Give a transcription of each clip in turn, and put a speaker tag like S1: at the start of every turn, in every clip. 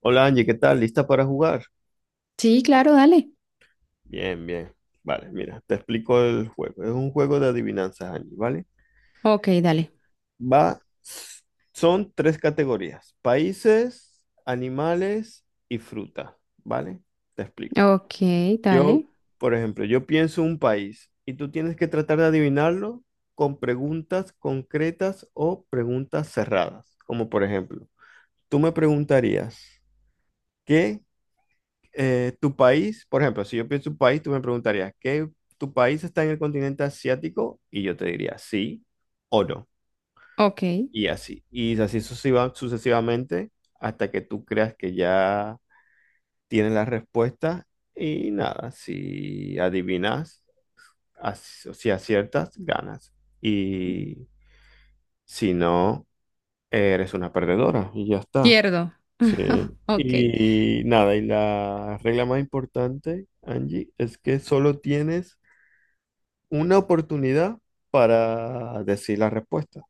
S1: Hola Angie, ¿qué tal? ¿Lista para jugar?
S2: Sí, claro, dale.
S1: Bien, bien. Vale, mira, te explico el juego. Es un juego de adivinanzas, Angie, ¿vale?
S2: Ok, dale.
S1: Va, son tres categorías: países, animales y fruta, ¿vale? Te explico.
S2: Ok,
S1: Yo,
S2: dale.
S1: por ejemplo, yo pienso un país y tú tienes que tratar de adivinarlo con preguntas concretas o preguntas cerradas. Como por ejemplo, tú me preguntarías, ¿qué tu país? Por ejemplo, si yo pienso en tu país, tú me preguntarías, ¿qué, tu país está en el continente asiático? Y yo te diría sí o no.
S2: Ok.
S1: Y así. Y así sucesivamente hasta que tú creas que ya tienes la respuesta. Y nada, si adivinas, si aciertas, ganas. Y si no, eres una perdedora. Y ya está.
S2: Pierdo.
S1: Sí.
S2: Ok.
S1: Y nada, y la regla más importante, Angie, es que solo tienes una oportunidad para decir la respuesta.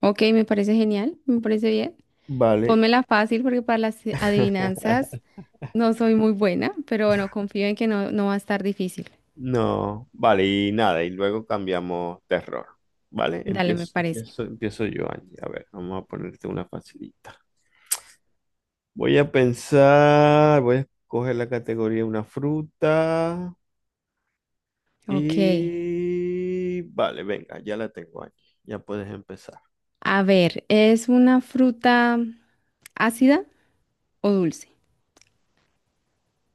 S2: Ok, me parece genial. Me parece bien.
S1: Vale.
S2: Pónmela fácil porque para las adivinanzas no soy muy buena, pero bueno, confío en que no, no va a estar difícil.
S1: No, vale, y nada, y luego cambiamos de error. Vale,
S2: Dale, me
S1: empiezo,
S2: parece.
S1: empiezo, empiezo yo, Angie. A ver, vamos a ponerte una facilita. Voy a pensar, voy a escoger la categoría: una fruta
S2: Ok.
S1: y... Vale, venga, ya la tengo, Angie. Ya puedes empezar.
S2: A ver, ¿es una fruta ácida o dulce?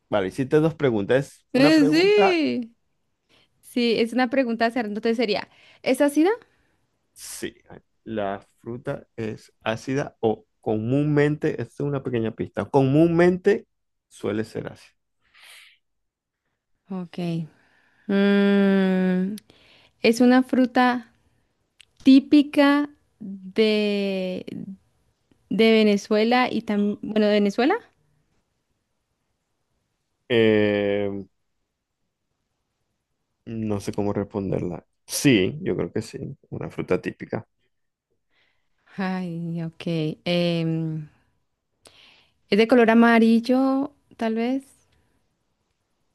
S1: Vale, hiciste dos preguntas. Es una
S2: Eh,
S1: pregunta.
S2: sí. Sí, es una pregunta cerrada. Entonces sería, ¿es ácida?
S1: Sí, la fruta es ácida o, comúnmente, esta es una pequeña pista, comúnmente suele ser ácida.
S2: Ok. Mm, ¿es una fruta típica de, de Venezuela y también, bueno, de Venezuela?
S1: Eh, no sé cómo responderla. Sí, yo creo que sí, una fruta típica.
S2: Ay, ok. em, es de color amarillo, tal vez.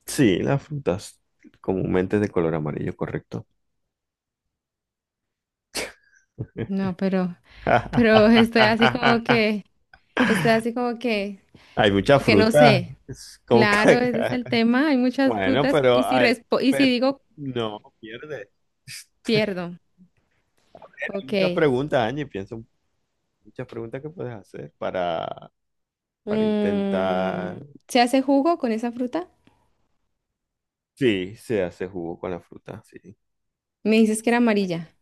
S1: Sí, las frutas comúnmente de color amarillo, correcto.
S2: No, pero estoy así como que, estoy así
S1: Hay muchas
S2: como que no
S1: frutas,
S2: sé.
S1: es como que-
S2: Claro, ese es el tema. Hay muchas
S1: Bueno,
S2: frutas y
S1: pero hay-
S2: y si
S1: pe-
S2: digo,
S1: no, pierde.
S2: pierdo.
S1: A ver, hay muchas
S2: Ok.
S1: preguntas, Angie, piensa un... muchas preguntas que puedes hacer para
S2: Mm,
S1: intentar.
S2: ¿se hace jugo con esa fruta?
S1: Sí, se hace jugo con la fruta, sí.
S2: Me dices que era amarilla.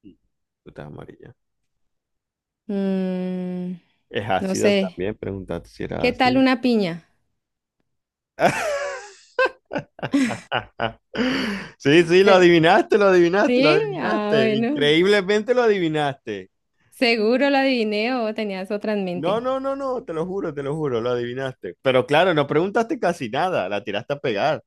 S1: Sí. Fruta amarilla.
S2: Mm,
S1: Es
S2: no
S1: ácida
S2: sé.
S1: también, preguntaste si era
S2: ¿Qué tal
S1: ácida.
S2: una piña?
S1: Sí, sí, lo
S2: Eh,
S1: adivinaste, lo adivinaste, lo
S2: ¿Sí? Ah,
S1: adivinaste.
S2: bueno.
S1: Increíblemente lo adivinaste.
S2: Seguro la adiviné o tenías otra en
S1: No,
S2: mente.
S1: no, no, no, te lo juro, lo adivinaste. Pero claro, no preguntaste casi nada, la tiraste a pegar.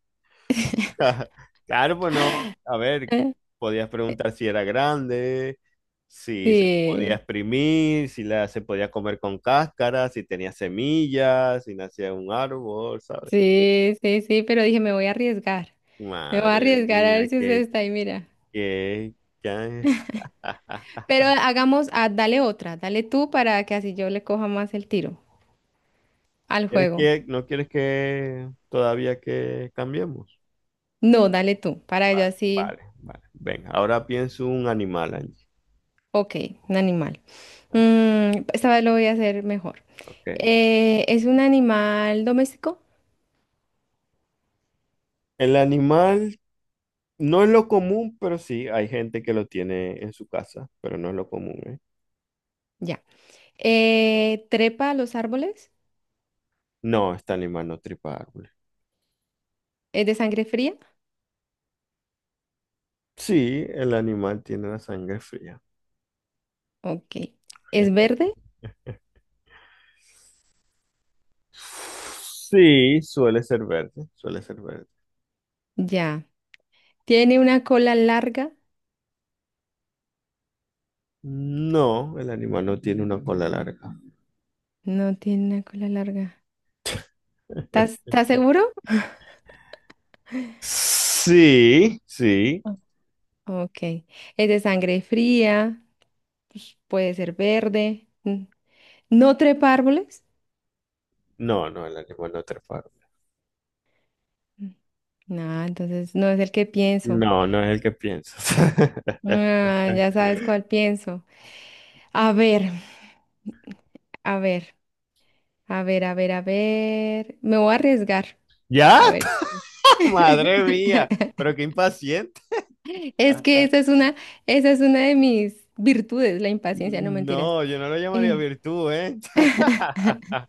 S1: Claro, pues no, a ver,
S2: Eh,
S1: podías preguntar si era grande, si se podía
S2: Sí,
S1: exprimir, si la, se podía comer con cáscara, si tenía semillas, si nacía en un árbol, ¿sabes?
S2: sí, pero dije, me voy a arriesgar. Me voy a
S1: Madre
S2: arriesgar a
S1: mía,
S2: ver si usted
S1: qué,
S2: está ahí, mira.
S1: qué, qué-
S2: Pero hagamos, ah, dale otra, dale tú para que así yo le coja más el tiro al
S1: ¿Quieres
S2: juego.
S1: que, no quieres que todavía que cambiemos?
S2: No, dale tú, para yo
S1: Vale,
S2: así,
S1: vale, vale. Venga, ahora pienso un animal, Angie.
S2: ok, un animal.
S1: Vale,
S2: Mm, esta vez lo voy a hacer mejor.
S1: ok.
S2: ¿Es un animal doméstico?
S1: El animal no es lo común, pero sí, hay gente que lo tiene en su casa, pero no es lo común, ¿eh?
S2: Ya. ¿Trepa a los árboles?
S1: No, este animal no tripa árboles.
S2: ¿Es de sangre fría?
S1: Sí, el animal tiene la sangre fría.
S2: Ok. ¿Es verde?
S1: Sí, suele ser verde, suele ser verde.
S2: Ya. ¿Tiene una cola larga?
S1: No, el animal no tiene una cola larga.
S2: No tiene una cola larga. ¿Estás, estás seguro?
S1: Sí, sí.
S2: No. Ok. ¿Es de sangre fría? Pues puede ser verde. Mm. ¿No trepa árboles?
S1: No, no, el animal no trepa árboles.
S2: Mm. No, entonces no es el que pienso.
S1: No, no es el que piensas.
S2: Ah, ya sabes cuál pienso. A ver, a ver, a ver. Me voy a arriesgar.
S1: ¿Ya?
S2: A ver.
S1: Madre mía, pero qué impaciente.
S2: Es que esa es una de mis virtudes, la impaciencia, no mentiras.
S1: No, yo no lo llamaría
S2: Eh,
S1: virtud, ¿eh?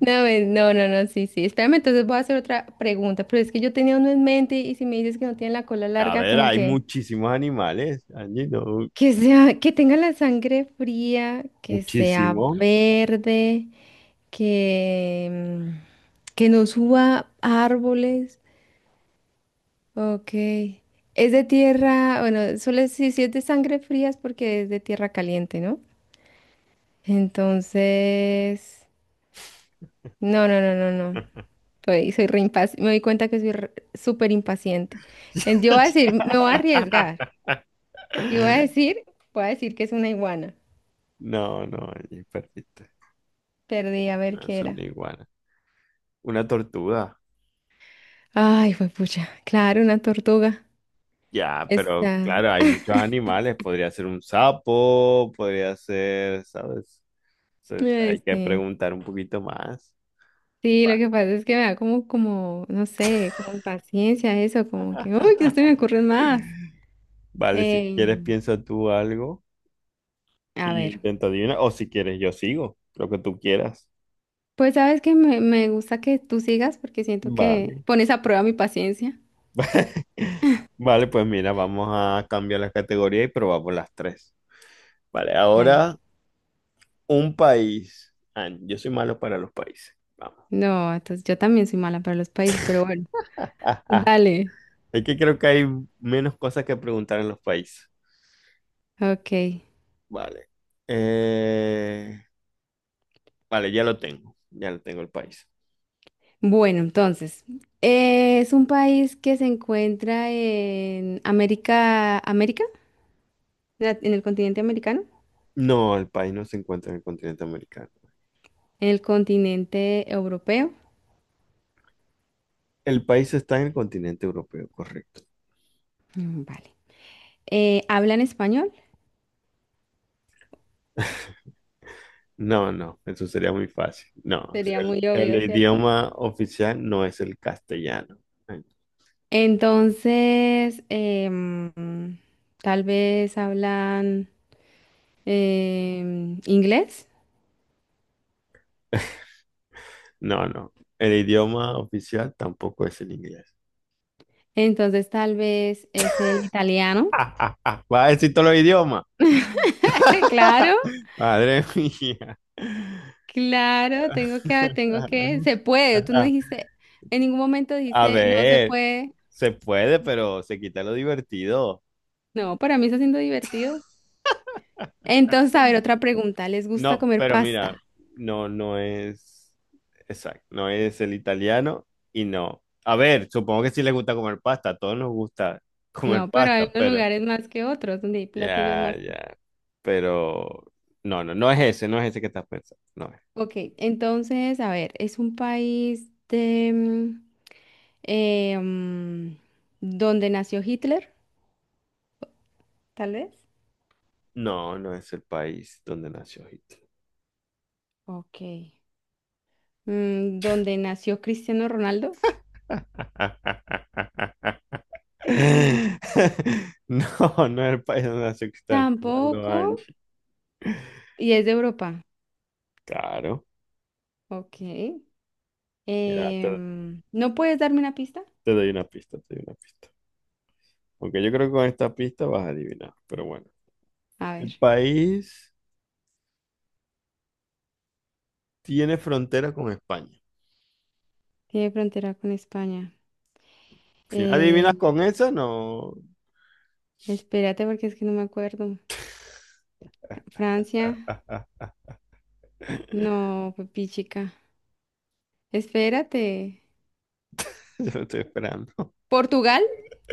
S2: no, sí, sí. Espérame, entonces voy a hacer otra pregunta, pero es que yo tenía uno en mente y si me dices que no tiene la cola
S1: A
S2: larga,
S1: ver,
S2: como
S1: hay muchísimos animales, Angie, no,
S2: que sea, que tenga la sangre fría, que sea
S1: muchísimos.
S2: verde, que, que no suba a árboles. Ok. Es de tierra, bueno, solo si, si es de sangre fría es porque es de tierra caliente, ¿no? Entonces, no, no. Soy, soy me doy cuenta que soy súper impaciente. Yo voy a decir, me voy a arriesgar. Y voy a decir que es una iguana.
S1: No, no, Angie, perdiste.
S2: Perdí, a
S1: No
S2: ver
S1: es
S2: qué
S1: una
S2: era.
S1: iguana. Una tortuga.
S2: Ay, fue pucha. Claro, una tortuga.
S1: Ya, pero
S2: Esta.
S1: claro, hay muchos animales. Podría ser un sapo, podría ser, ¿sabes? Se-
S2: Ay,
S1: hay que
S2: sí.
S1: preguntar un poquito más.
S2: Sí, lo
S1: Va.
S2: que pasa es que me da como, como, no sé, como impaciencia eso, como que, uy, ya se me ocurren más.
S1: Vale, si quieres
S2: Em,
S1: piensa tú algo.
S2: a
S1: Y yo
S2: ver.
S1: intento adivinar, o si quieres, yo sigo, lo que tú quieras.
S2: Pues sabes que me gusta que tú sigas porque siento que
S1: Vale.
S2: pones a prueba mi paciencia.
S1: Vale, pues mira, vamos a cambiar la categoría y probamos las tres. Vale,
S2: Dale.
S1: ahora un país. Ah, yo soy malo para los países. Vamos.
S2: No, entonces yo también soy mala para los países, pero bueno,
S1: Ah, ah.
S2: dale.
S1: Es que creo que hay menos cosas que preguntar en los países.
S2: Ok.
S1: Vale. Eh, vale, ya lo tengo. Ya lo tengo el país.
S2: Bueno, entonces, es un país que se encuentra en en el continente americano,
S1: No, el país no se encuentra en el continente americano.
S2: en el continente europeo.
S1: El país está en el continente europeo, correcto.
S2: Mm, vale. ¿Hablan español?
S1: No, no, eso sería muy fácil. No, o sea,
S2: Sería muy
S1: el,
S2: obvio,
S1: el
S2: ¿cierto?
S1: idioma oficial no es el castellano.
S2: Entonces, tal vez hablan inglés,
S1: No, no, el idioma oficial tampoco es el inglés.
S2: entonces tal vez es el italiano.
S1: Va a decir todos los idiomas.
S2: Claro,
S1: Madre mía.
S2: claro, tengo que, se puede. Tú no dijiste, en ningún momento
S1: A
S2: dijiste, no se
S1: ver,
S2: puede.
S1: se puede, pero se quita lo divertido.
S2: No, para mí está siendo divertido. Entonces, a ver, otra pregunta. ¿Les gusta
S1: No,
S2: comer
S1: pero mira,
S2: pasta?
S1: no, no es exacto, no es el italiano y no. A ver, supongo que sí les gusta comer pasta, a todos nos gusta comer
S2: No, pero hay
S1: pasta,
S2: unos
S1: pero
S2: lugares más que otros donde hay platillos
S1: ya,
S2: más.
S1: ya. Pero no, no, no es ese que estás pensando, no es.
S2: Ok, entonces, a ver, es un país de eh, mm, donde nació Hitler, tal vez.
S1: No, no es el país donde nació Hitler.
S2: Ok. Mm, ¿donde nació Cristiano Ronaldo?
S1: No, no es el país donde nació Cristiano Ronaldo,
S2: Tampoco.
S1: Angie.
S2: Y es de Europa.
S1: Claro.
S2: Ok.
S1: Mira,
S2: ¿No puedes darme una pista?
S1: te doy una pista, te doy una pista. Aunque yo creo que con esta pista vas a adivinar. Pero bueno.
S2: A
S1: El
S2: ver,
S1: país tiene frontera con España.
S2: tiene frontera con España.
S1: Si no adivinas
S2: Eh,
S1: con esa, no.
S2: Espérate porque es que no me acuerdo. Francia, no, papi chica. Espérate.
S1: Yo lo estoy esperando.
S2: Portugal,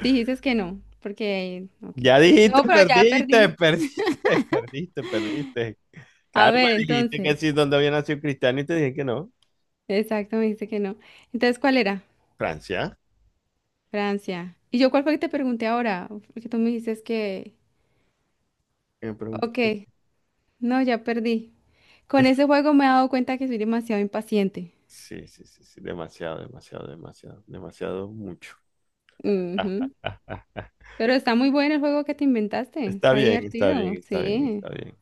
S2: dijiste que no, porque, ok.
S1: Ya
S2: No,
S1: dijiste,
S2: pero ya
S1: perdiste,
S2: perdí.
S1: perdiste, perdiste, perdiste.
S2: A
S1: Claro, me
S2: ver,
S1: dijiste
S2: entonces,
S1: que sí, donde había nacido Cristiano y te dije que no.
S2: exacto, me dijiste que no. Entonces, ¿cuál era?
S1: Francia.
S2: Francia. ¿Y yo cuál fue que te pregunté ahora? Porque tú me dices que,
S1: Que Me
S2: ok,
S1: preguntaste.
S2: no, ya perdí. Con ese juego me he dado cuenta que soy demasiado impaciente.
S1: Sí, sí, sí, sí. Demasiado, demasiado, demasiado, demasiado mucho.
S2: Ujú. Pero está muy bueno el juego que te inventaste.
S1: Está
S2: Está
S1: bien, está
S2: divertido.
S1: bien, está bien,
S2: Sí,
S1: está bien.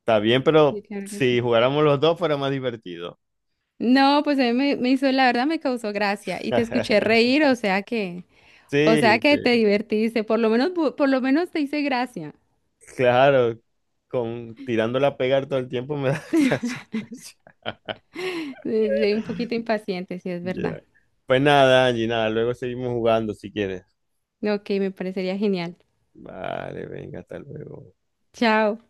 S1: Está bien, pero
S2: sí, claro que
S1: si
S2: sí.
S1: jugáramos los dos fuera más divertido.
S2: No, pues a mí me, me hizo, la verdad me causó gracia y te escuché reír, o
S1: Sí,
S2: sea que te
S1: sí.
S2: divertiste, por lo menos, por lo menos te hice gracia.
S1: Claro, con tirándola a pegar todo el tiempo me da gracia.
S2: Soy un poquito impaciente, sí es verdad.
S1: Ya. Pues nada, Angie, nada, luego seguimos jugando si quieres.
S2: Ok, me parecería genial.
S1: Vale, venga, hasta luego.
S2: Chao.